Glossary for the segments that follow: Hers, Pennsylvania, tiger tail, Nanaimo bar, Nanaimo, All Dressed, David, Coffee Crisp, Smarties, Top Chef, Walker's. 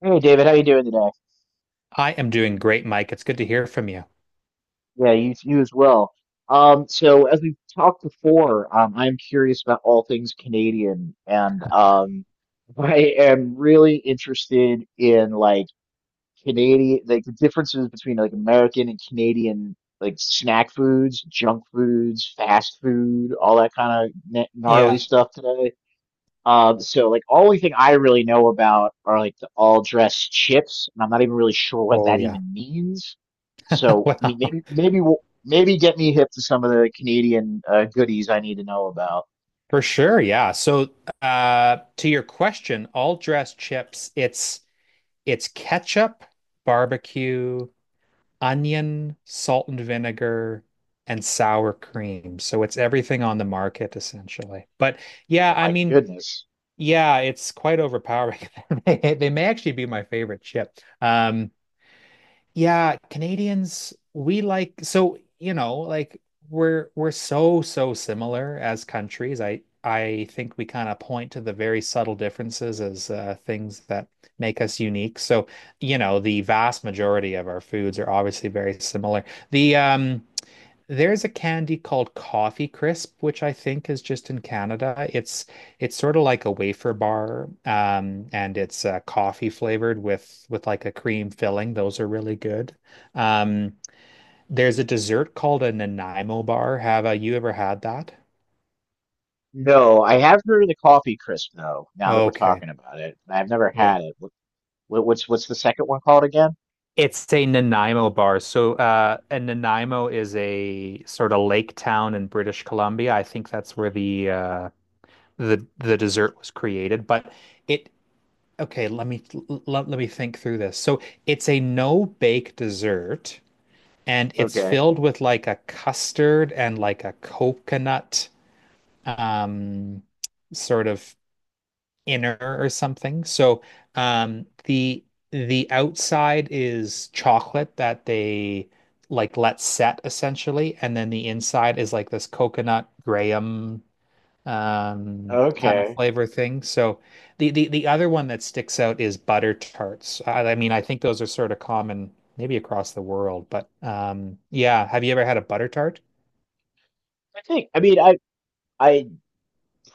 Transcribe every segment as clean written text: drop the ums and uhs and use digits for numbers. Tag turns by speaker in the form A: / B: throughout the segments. A: Hey David, how you doing today?
B: I am doing great, Mike. It's good to hear from you.
A: Yeah, you as well. So as we've talked before, I'm curious about all things Canadian, and I am really interested in like Canadian, like the differences between like American and Canadian, like snack foods, junk foods, fast food, all that kind of gnarly
B: Yeah.
A: stuff today. So like only thing I really know about are like the all dressed chips, and I'm not even really sure what
B: Oh,
A: that
B: yeah.
A: even means. So
B: Well,
A: I mean, maybe we'll, maybe get me hip to some of the Canadian goodies I need to know about.
B: for sure. Yeah. So, to your question, all dressed chips, it's ketchup, barbecue, onion, salt and vinegar, and sour cream. So it's everything on the market essentially. But yeah,
A: Oh
B: I
A: my
B: mean,
A: goodness.
B: yeah, it's quite overpowering. They may actually be my favorite chip. Yeah, Canadians, we like like we're so similar as countries. I think we kind of point to the very subtle differences as things that make us unique. So, you know, the vast majority of our foods are obviously very similar. The um there's a candy called Coffee Crisp, which I think is just in Canada. It's sort of like a wafer bar, and it's coffee flavored with like a cream filling. Those are really good. Um, there's a dessert called a Nanaimo bar. Have you ever had that?
A: No, I have heard of the coffee crisp though. Now that we're
B: Okay,
A: talking about it, I've never
B: yeah.
A: had it. What's what's the second one called again?
B: It's a Nanaimo bar. So, and Nanaimo is a sort of lake town in British Columbia. I think that's where the dessert was created, but. It, Okay, let me let me think through this. So it's a no-bake dessert and it's
A: Okay,
B: filled with like a custard and like a coconut um sort of inner or something. So um the the outside is chocolate that they like let set essentially, and then the inside is like this coconut graham kind of
A: okay.
B: flavor thing. So the other one that sticks out is butter tarts. I mean, I think those are sort of common maybe across the world, but yeah, have you ever had a butter tart?
A: I think I mean I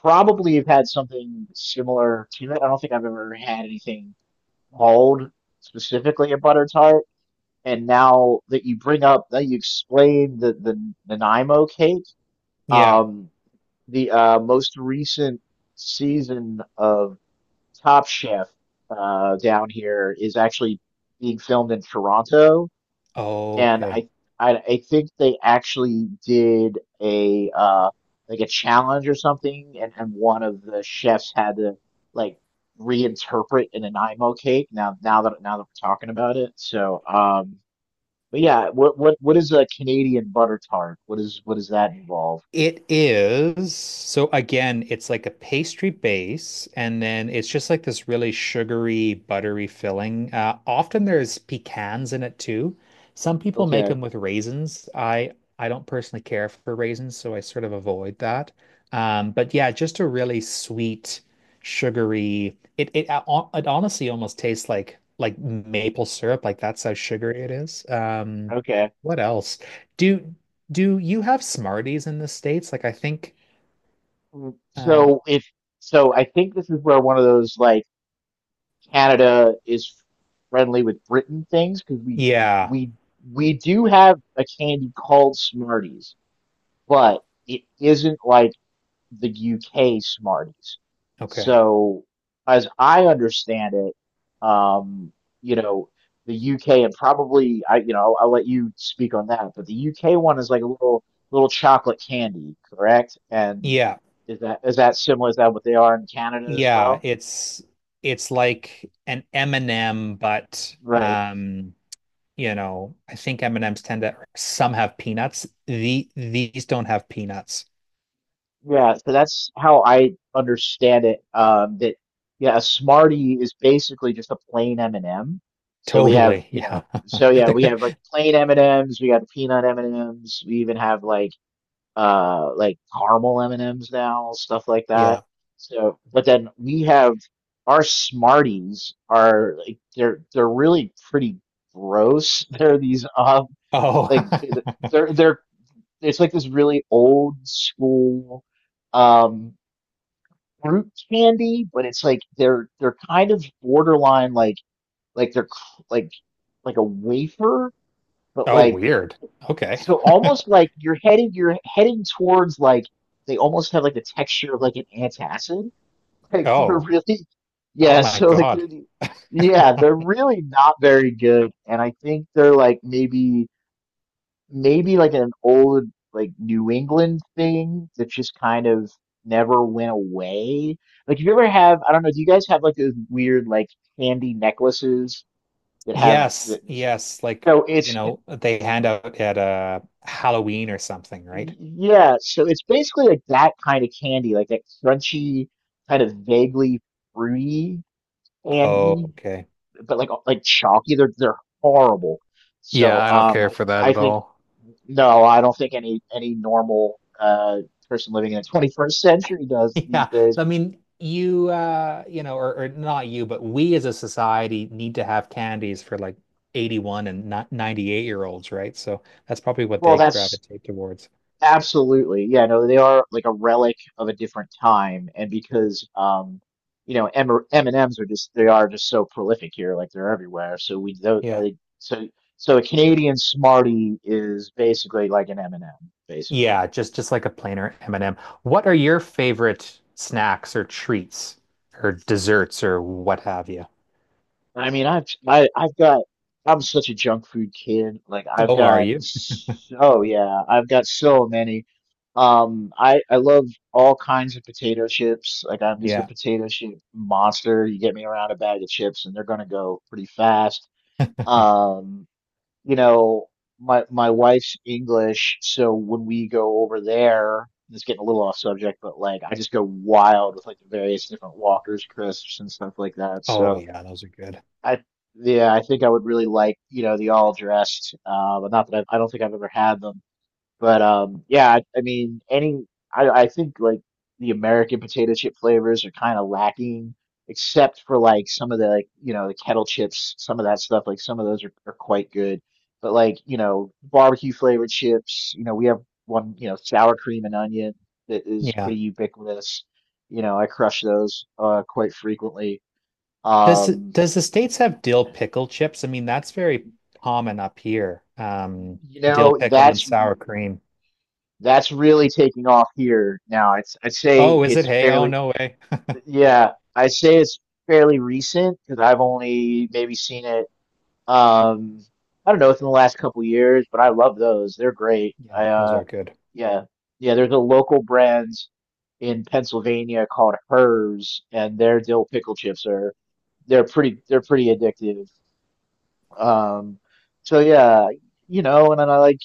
A: probably have had something similar to it. I don't think I've ever had anything called specifically a butter tart, and now that you bring up that you explain the Nanaimo cake,
B: Yeah.
A: um, the most recent season of Top Chef down here is actually being filmed in Toronto,
B: Oh,
A: and
B: okay.
A: I think they actually did a like a challenge or something, and one of the chefs had to like reinterpret an Nanaimo cake. Now that we're talking about it, but yeah, what what is a Canadian butter tart? What is what does that involve?
B: It is. So again, it's like a pastry base, and then it's just like this really sugary, buttery filling. Often there's pecans in it too. Some people make them
A: Okay,
B: with raisins. I don't personally care for raisins, so I sort of avoid that. But yeah, just a really sweet, sugary. It honestly almost tastes like maple syrup. Like that's how sugary it is.
A: okay.
B: What else? Do do you have Smarties in the States? Like I think
A: Mm.
B: uh
A: So if so, I think this is where one of those like Canada is friendly with Britain things because we
B: yeah,
A: we we do have a candy called Smarties, but it isn't like the UK Smarties.
B: okay.
A: So, as I understand it, um, you know, the UK and probably I, you know, I'll let you speak on that, but the UK one is like a little chocolate candy, correct? And
B: Yeah.
A: is that similar? Is that what they are in Canada as
B: Yeah,
A: well?
B: it's like an M&M, but
A: Right.
B: you know, I think M&Ms tend to some have peanuts. These don't have peanuts.
A: Yeah, so that's how I understand it. That yeah, a Smartie is basically just a plain M&M. So we have,
B: Totally.
A: you
B: Yeah.
A: know, so yeah, we have like plain M&Ms, we got peanut M&Ms, we even have like caramel M&Ms now, stuff like that.
B: Yeah.
A: So, but then we have our Smarties are like they're really pretty gross. They're these
B: Oh.
A: like they're it's like this really old school um fruit candy, but it's like they're kind of borderline like they're like a wafer, but
B: Oh,
A: like
B: weird. Okay.
A: so almost like you're heading towards like they almost have like the texture of like an antacid. Like they're
B: Oh.
A: really
B: Oh
A: yeah,
B: my
A: so like
B: God.
A: yeah, they're really not very good, and I think they're like maybe like an old like New England thing that just kind of never went away. Like, if you ever have, I don't know, do you guys have like those weird like candy necklaces that have
B: Yes,
A: that just-
B: yes, like
A: so
B: you
A: it's it-
B: know, they hand out at Halloween or something, right?
A: yeah, so it's basically like that kind of candy, like that crunchy, kind of vaguely fruity
B: Oh,
A: candy,
B: okay.
A: but like chalky. They're horrible.
B: Yeah, I don't care for that
A: I
B: at
A: think
B: all.
A: no, I don't think any normal person living in the 21st century does these
B: Yeah,
A: days.
B: I mean, you you know, or not you, but we as a society need to have candies for like 81 and not 98-year-olds, right? So that's probably what
A: Well,
B: they
A: that's
B: gravitate towards.
A: absolutely, yeah, no, they are like a relic of a different time, and because you know, M and ms are just they are just so prolific here, like they're everywhere. So we don't, I
B: Yeah.
A: think so a Canadian Smartie is basically like an M&M, basically.
B: Yeah, just like a plainer M&M. What are your favorite snacks or treats or desserts or what have you?
A: I mean, I've got I'm such a junk food kid. Like I've
B: Oh, are
A: got
B: you?
A: oh yeah, I've got so many. I love all kinds of potato chips. Like I'm just a
B: Yeah.
A: potato chip monster. You get me around a bag of chips and they're gonna go pretty fast. Um, you know, my wife's English, so when we go over there, it's getting a little off subject, but like I just go wild with like the various different Walker's crisps and stuff like that.
B: Oh
A: So
B: yeah, those are good.
A: I yeah, I think I would really like, you know, the all dressed. But not that I don't think I've ever had them. But yeah, any I think like the American potato chip flavors are kind of lacking, except for like some of the like you know the kettle chips, some of that stuff. Like some of those are quite good. But like you know barbecue flavored chips, you know we have one you know sour cream and onion that is
B: Yeah.
A: pretty ubiquitous. You know I crush those quite frequently.
B: Does
A: Um,
B: does the States have dill pickle chips? I mean, that's very common up here.
A: You
B: Dill
A: know,
B: pickle and sour cream.
A: that's really taking off here now. It's I'd say
B: Oh, is it?
A: it's
B: Hey, oh
A: fairly
B: no way.
A: yeah, I say it's fairly recent because I've only maybe seen it um I don't know within the last couple of years, but I love those. They're great.
B: Yeah,
A: I
B: those are good.
A: yeah. Yeah, there's a local brand in Pennsylvania called Hers and their dill pickle chips are they're pretty addictive. Um, so yeah, you know, and then I like,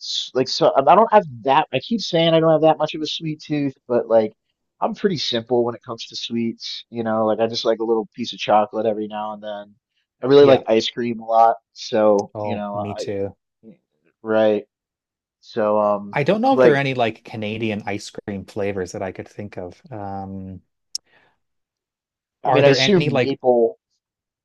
A: so I don't have that. I keep saying I don't have that much of a sweet tooth, but like, I'm pretty simple when it comes to sweets. You know, like I just like a little piece of chocolate every now and then. I really
B: Yeah.
A: like ice cream a lot, so you
B: Oh,
A: know,
B: me too.
A: I right. So
B: I don't know if there are
A: like,
B: any like Canadian ice cream flavors that I could think of.
A: I
B: Are
A: mean, I
B: there any
A: assume
B: like
A: maple.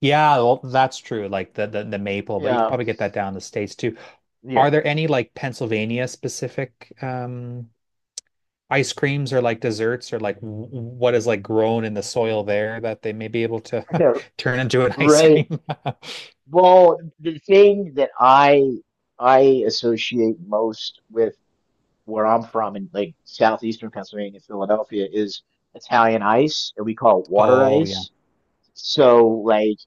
B: Yeah, well, that's true, like the maple, but you could
A: Yeah,
B: probably get that down in the States too.
A: yeah,
B: Are there any like Pennsylvania specific ice creams or like desserts or like w- what is like grown in the soil there that they may be able to
A: yeah,
B: turn into an ice
A: right.
B: cream.
A: Well, the thing that I associate most with where I'm from in like southeastern Pennsylvania, Philadelphia, is Italian ice, and we call it water
B: Oh yeah.
A: ice. So like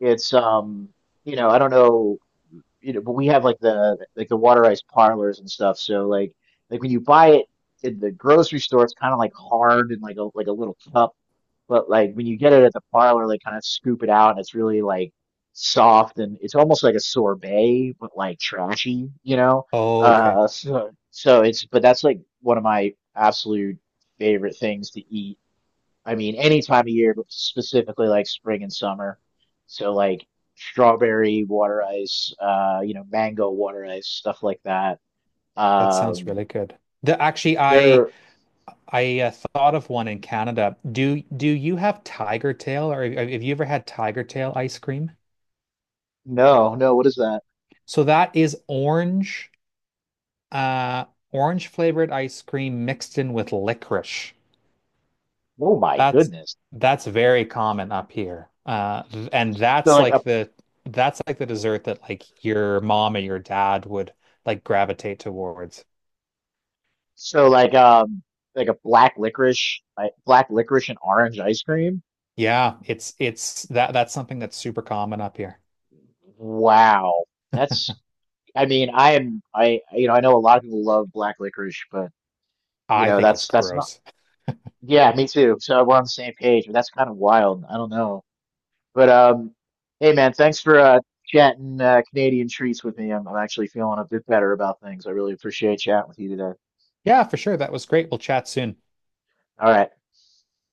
A: it's you know I don't know you know but we have like the water ice parlors and stuff. So like when you buy it in the grocery store, it's kind of like hard and like a little cup but like when you get it at the parlor, they kind of scoop it out and it's really like soft and it's almost like a sorbet, but like trashy, you know?
B: Okay.
A: So it's, but that's like one of my absolute favorite things to eat. I mean, any time of year, but specifically like spring and summer. So like strawberry water ice, you know, mango water ice, stuff like that.
B: That sounds
A: Um,
B: really good. The actually
A: there,
B: I thought of one in Canada. Do you have tiger tail, or have you ever had tiger tail ice cream?
A: no, no, what is that?
B: So that is orange uh orange flavored ice cream mixed in with licorice.
A: Oh my
B: That's
A: goodness.
B: that's very common up here. And
A: So
B: that's
A: like a
B: like the dessert that like your mom or your dad would like gravitate towards.
A: So like a black licorice like black licorice and orange ice cream.
B: Yeah, it's that that's something that's super common up here.
A: Wow. That's I mean, I am I you know, I know a lot of people love black licorice, but you
B: I
A: know,
B: think it's
A: that's not
B: gross.
A: yeah, me too. So we're on the same page, but that's kind of wild. I don't know. But hey man, thanks for chatting Canadian treats with me. I'm actually feeling a bit better about things. I really appreciate chatting with you today.
B: Yeah, for sure. That was great. We'll chat soon.
A: All right.